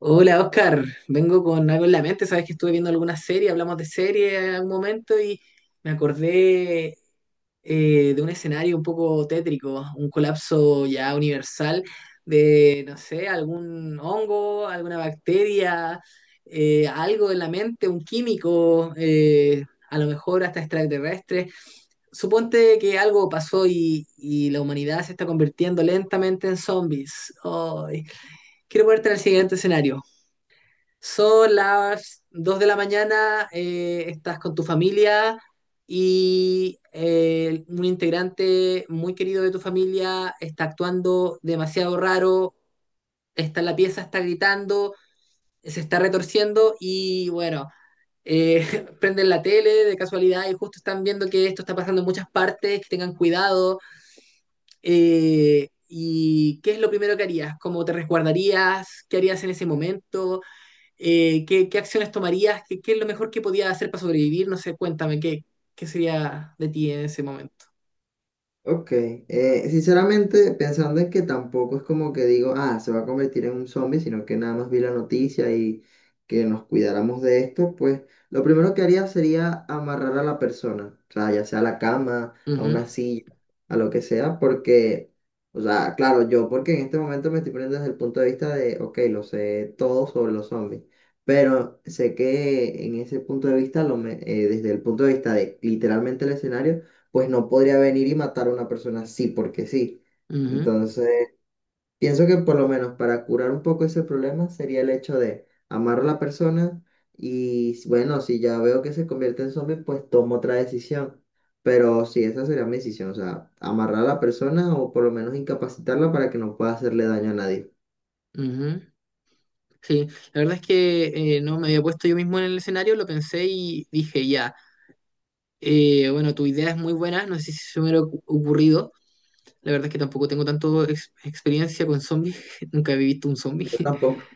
Hola Oscar, vengo con algo en la mente. Sabes que estuve viendo alguna serie, hablamos de serie en algún momento y me acordé de un escenario un poco tétrico, un colapso ya universal de, no sé, algún hongo, alguna bacteria, algo en la mente, un químico, a lo mejor hasta extraterrestre. Suponte que algo pasó y la humanidad se está convirtiendo lentamente en zombies. Ay, quiero ponerte en el siguiente escenario. Son las 2 de la mañana, estás con tu familia y un integrante muy querido de tu familia está actuando demasiado raro, está en la pieza, está gritando, se está retorciendo y bueno, eh, prenden la tele de casualidad y justo están viendo que esto está pasando en muchas partes, que tengan cuidado. eh, ¿Y qué es lo primero que harías? ¿Cómo te resguardarías? ¿Qué harías en ese momento? Qué acciones tomarías? Qué es lo mejor que podías hacer para sobrevivir? No sé, cuéntame, ¿qué, qué sería de ti en ese momento? Ok, sinceramente pensando en que tampoco es como que digo, ah, se va a convertir en un zombie, sino que nada más vi la noticia y que nos cuidáramos de esto, pues lo primero que haría sería amarrar a la persona, o sea, ya sea a la cama, a Ujú, una silla, a lo que sea, porque, o sea, claro, yo porque en este momento me estoy poniendo desde el punto de vista de, ok, lo sé todo sobre los zombies, pero sé que en ese punto de vista, desde el punto de vista de literalmente el escenario, pues no podría venir y matar a una persona así porque sí. ujú, Entonces, pienso que por lo menos para curar un poco ese problema sería el hecho de amar a la persona y bueno, si ya veo que se convierte en zombie, pues tomo otra decisión. Pero sí, esa sería mi decisión, o sea, amarrar a la persona o por lo menos incapacitarla para que no pueda hacerle daño a nadie. ujú. Sí, la verdad es que no me había puesto yo mismo en el escenario, lo pensé y dije, ya, bueno, tu idea es muy buena, no sé si se me hubiera ocurrido. La verdad es que tampoco tengo tanto experiencia con zombies, nunca he visto un zombie. Yo tampoco.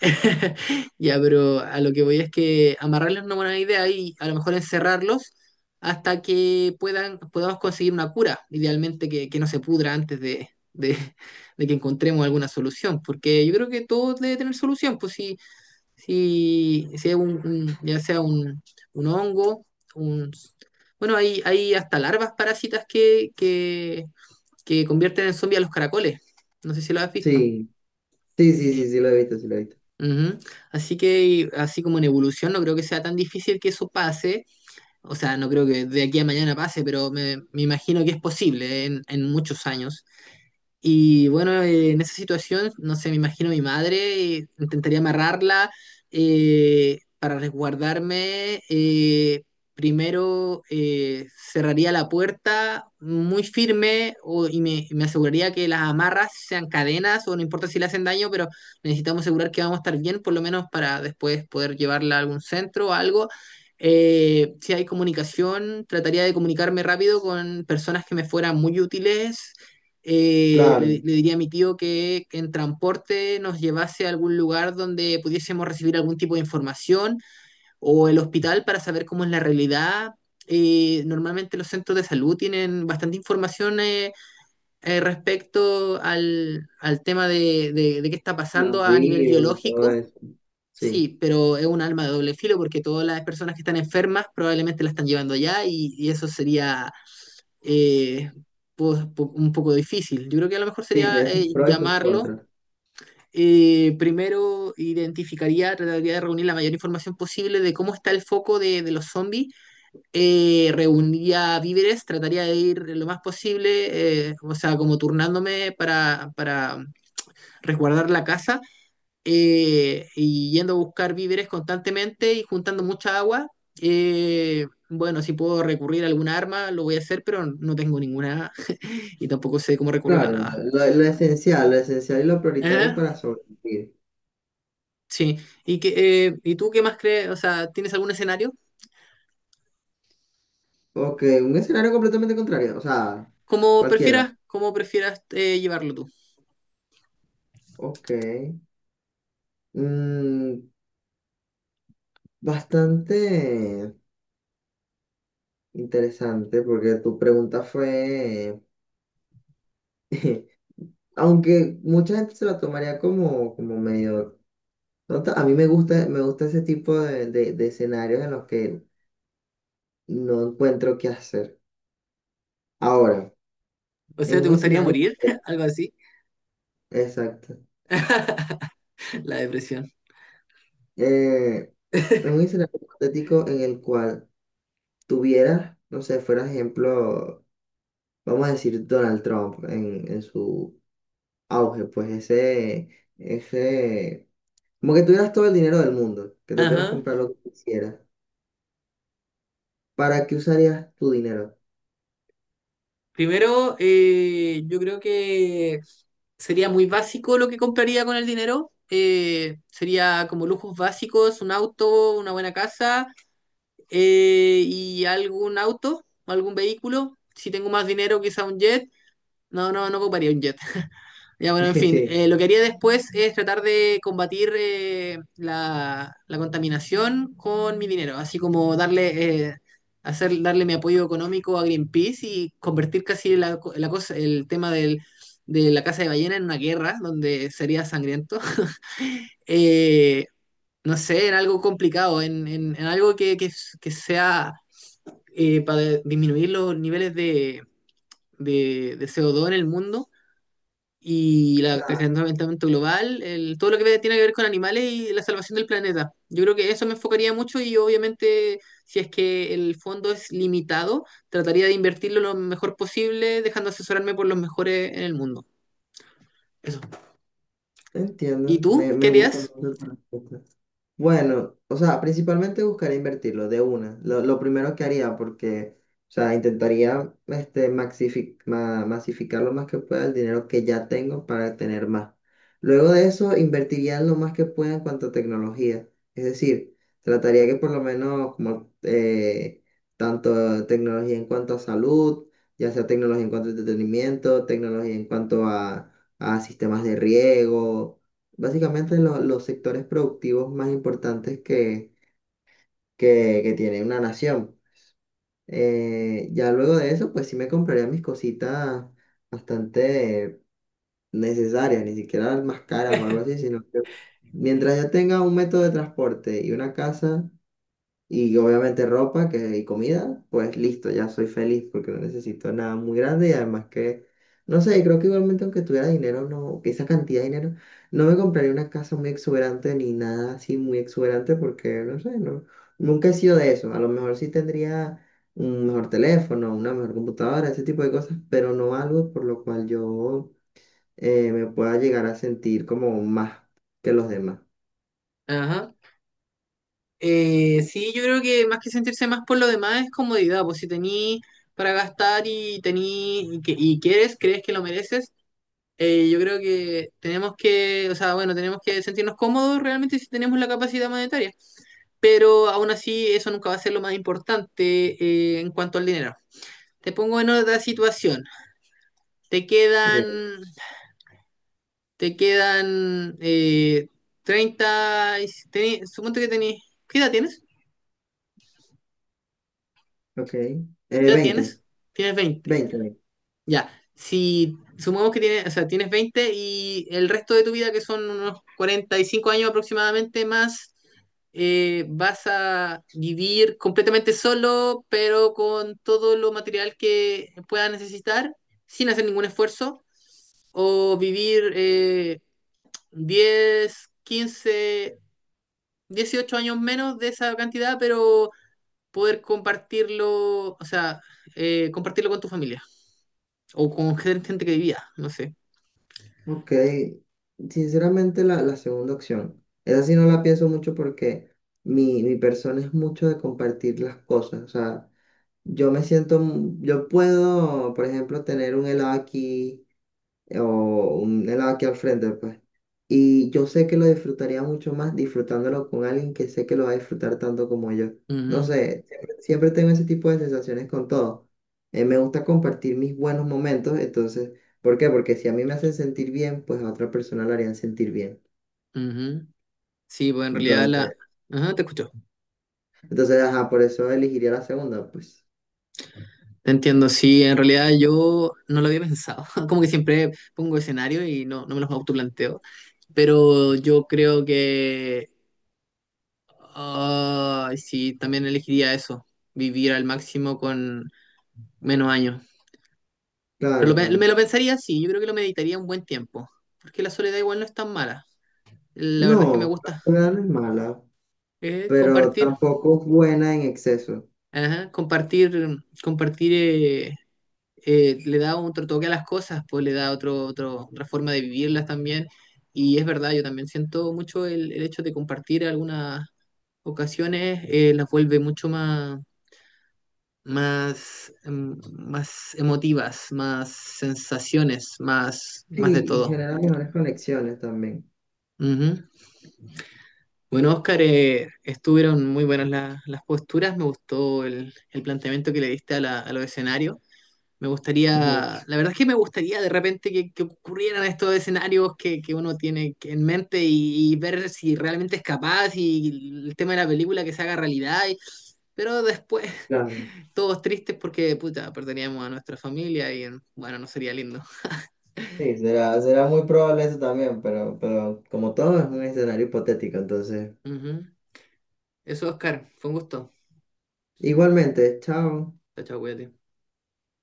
Ya, pero a lo que voy es que amarrarlos no es una buena idea y a lo mejor encerrarlos hasta que podamos conseguir una cura, idealmente que no se pudra antes de que encontremos alguna solución, porque yo creo que todo debe tener solución, pues si, si es un, ya sea un hongo, un, bueno, hay hasta larvas parásitas que convierten en zombies a los caracoles, no sé si lo has visto. Sí, sí, sí, sí, sí lo he visto, sí lo he visto. Ujú. Así que, así como en evolución, no creo que sea tan difícil que eso pase. O sea, no creo que de aquí a mañana pase, pero me imagino que es posible en muchos años. Y bueno, en esa situación, no sé, me imagino mi madre, intentaría amarrarla para resguardarme. Primero cerraría la puerta muy firme y y me aseguraría que las amarras sean cadenas o no importa si le hacen daño, pero necesitamos asegurar que vamos a estar bien, por lo menos para después poder llevarla a algún centro o algo. Si hay comunicación, trataría de comunicarme rápido con personas que me fueran muy útiles. Claro, Le diría a mi tío que en transporte nos llevase a algún lugar donde pudiésemos recibir algún tipo de información o el hospital para saber cómo es la realidad. Normalmente los centros de salud tienen bastante información respecto al, al tema de qué está de los pasando a nivel virus y todo biológico. eso. Sí, Sí, pero es un arma de doble filo porque todas las personas que están enfermas probablemente la están llevando allá y eso sería eh, un poco difícil. Yo creo que a lo mejor sí, sería tiene sus pros y sus llamarlo. contras. Eh, primero identificaría, trataría de reunir la mayor información posible de cómo está el foco de los zombies. Reuniría víveres, trataría de ir lo más posible, o sea, como turnándome para resguardar la casa y yendo a buscar víveres constantemente y juntando mucha agua. Eh, bueno, si puedo recurrir a alguna arma, lo voy a hacer, pero no tengo ninguna y tampoco sé cómo recurrir a Claro, lo, nada. lo- lo esencial, lo esencial y lo prioritario Ajá, para sobrevivir. sí. ¿Y, que, ¿y tú qué más crees? O sea, ¿tienes algún escenario? Ok, un escenario completamente contrario, o sea, cualquiera. Como prefieras llevarlo tú. Ok. Mm, bastante interesante porque tu pregunta fue, aunque mucha gente se la tomaría como, como medio tonta, a mí me gusta ese tipo de escenarios en los que no encuentro qué hacer. Ahora, O sea, en ¿te un gustaría escenario... morir? Algo así. Exacto. La depresión. eh, en un escenario hipotético en el cual tuvieras, no sé, fuera ejemplo, vamos a decir Donald Trump en su auge, pues ese, como que tuvieras todo el dinero del mundo, que te pudieras Ajá. comprar lo que quisieras. ¿Para qué usarías tu dinero? Primero, yo creo que sería muy básico lo que compraría con el dinero. Sería como lujos básicos, un auto, una buena casa y algún auto, algún vehículo. Si tengo más dinero, quizá un jet. No, no, no compraría un jet. Ya, bueno, en fin, lo que haría después es tratar de combatir la contaminación con mi dinero, así como darle, darle mi apoyo económico a Greenpeace y convertir casi la cosa, el tema del, de la caza de ballena en una guerra donde sería sangriento. Eh, no sé, en algo complicado, en algo que sea para disminuir los niveles de CO2 en el mundo y el Claro, calentamiento global, el- todo lo que tiene que ver con animales y la salvación del planeta. Yo creo que eso me enfocaría mucho y obviamente si es que el fondo es limitado, trataría de invertirlo lo mejor posible, dejando asesorarme por los mejores en el mundo. Eso. ¿Y entiendo, tú? me, ¿Qué me gusta harías? mucho tu respuesta. Bueno, o sea, principalmente buscaría invertirlo de una, lo primero que haría, porque, o sea, intentaría este, masificar lo más que pueda el dinero que ya tengo para tener más. Luego de eso, invertiría lo más que pueda en cuanto a tecnología, es decir, trataría que por lo menos como tanto tecnología en cuanto a salud, ya sea tecnología en cuanto a entretenimiento, tecnología en cuanto a sistemas de riego básicamente los sectores productivos más importantes que tiene una nación. Ya luego de eso, pues sí me compraría mis cositas bastante necesarias, ni siquiera las más caras o algo así, sino que mientras ya tenga un método de transporte y una casa, y obviamente ropa que, y comida, pues listo, ya soy feliz porque no necesito nada muy grande y además que, no sé, creo que igualmente aunque tuviera dinero, no, que esa cantidad de dinero, no me compraría una casa muy exuberante ni nada así muy exuberante porque, no sé, no, nunca he sido de eso. A lo mejor sí tendría un mejor teléfono, una mejor computadora, ese tipo de cosas, pero no algo por lo cual yo me pueda llegar a sentir como más que los demás. Ajá. Sí, yo creo que más que sentirse más por lo demás es comodidad, pues si tení para gastar y tení y quieres, crees que lo mereces. Yo creo que tenemos que, o sea, bueno, tenemos que sentirnos cómodos realmente si tenemos la capacidad monetaria, pero aún así eso nunca va a ser lo más importante en cuanto al dinero. Te pongo en otra situación. Te quedan, Ok, te quedan 30, suponte que tenés, ¿qué edad tienes? ok. ¿Qué edad Veinte tienes? Tienes veinte. 20. Ya, si sumamos que tienes, o sea, tienes 20 y el resto de tu vida, que son unos 45 años aproximadamente más, vas a vivir completamente solo, pero con todo lo material que puedas necesitar, sin hacer ningún esfuerzo, o vivir 10, 15, 18 años menos de esa cantidad, pero poder compartirlo, o sea, compartirlo con tu familia o con gente que vivía, no sé. Ok, sinceramente la, la segunda opción. Esa sí no la pienso mucho porque mi persona es mucho de compartir las cosas. O sea, yo me siento, mu- yo puedo, por ejemplo, tener un helado aquí o un helado aquí al frente, pues. Y yo sé que lo disfrutaría mucho más disfrutándolo con alguien que sé que lo va a disfrutar tanto como yo. No Ujú, sé, siempre, siempre tengo ese tipo de sensaciones con todo. Me gusta compartir mis buenos momentos, entonces, ¿por qué? Porque si a mí me hacen sentir bien, pues a otra persona la harían sentir bien. ujú. Sí, pues en realidad la... Entonces, Ajá, te escucho. entonces, ajá, por eso elegiría la segunda, pues. Te entiendo. Sí, en realidad yo no lo había pensado. Como que siempre pongo escenario y no, no me los autoplanteo. Pero yo creo que... ah, sí, también elegiría eso. Vivir al máximo con menos años. Pero lo Claro, claro. me lo pensaría, sí. Yo creo que lo meditaría un buen tiempo. Porque la soledad igual no es tan mala. La No, verdad es que me la gusta. cura no es mala, Eh, pero compartir. tampoco es buena en exceso. Ajá, compartir, compartir le da otro toque a las cosas, pues le da otra forma de vivirlas también. Y es verdad, yo también siento mucho el hecho de compartir algunas ocasiones. Eh, las vuelve mucho más, más, más emotivas, más sensaciones, Sí, más de y todo. genera mejores conexiones también. Ujú. Bueno, Oscar, estuvieron muy buenas las posturas, me gustó el planteamiento que le diste a, a los escenarios. Me Ujú, gustaría, la verdad es que me gustaría de repente que ocurrieran estos escenarios que uno tiene que- en mente y ver si realmente es capaz y el tema de la película que se haga realidad. Y- pero después claro. todos tristes porque, puta, perderíamos a nuestra familia y bueno, no sería lindo. Sí, será, será muy probable eso también, pero como todo es un escenario hipotético, entonces. Ujú. Eso, Oscar, fue un gusto. Igualmente, chao. Chao, chao, cuídate.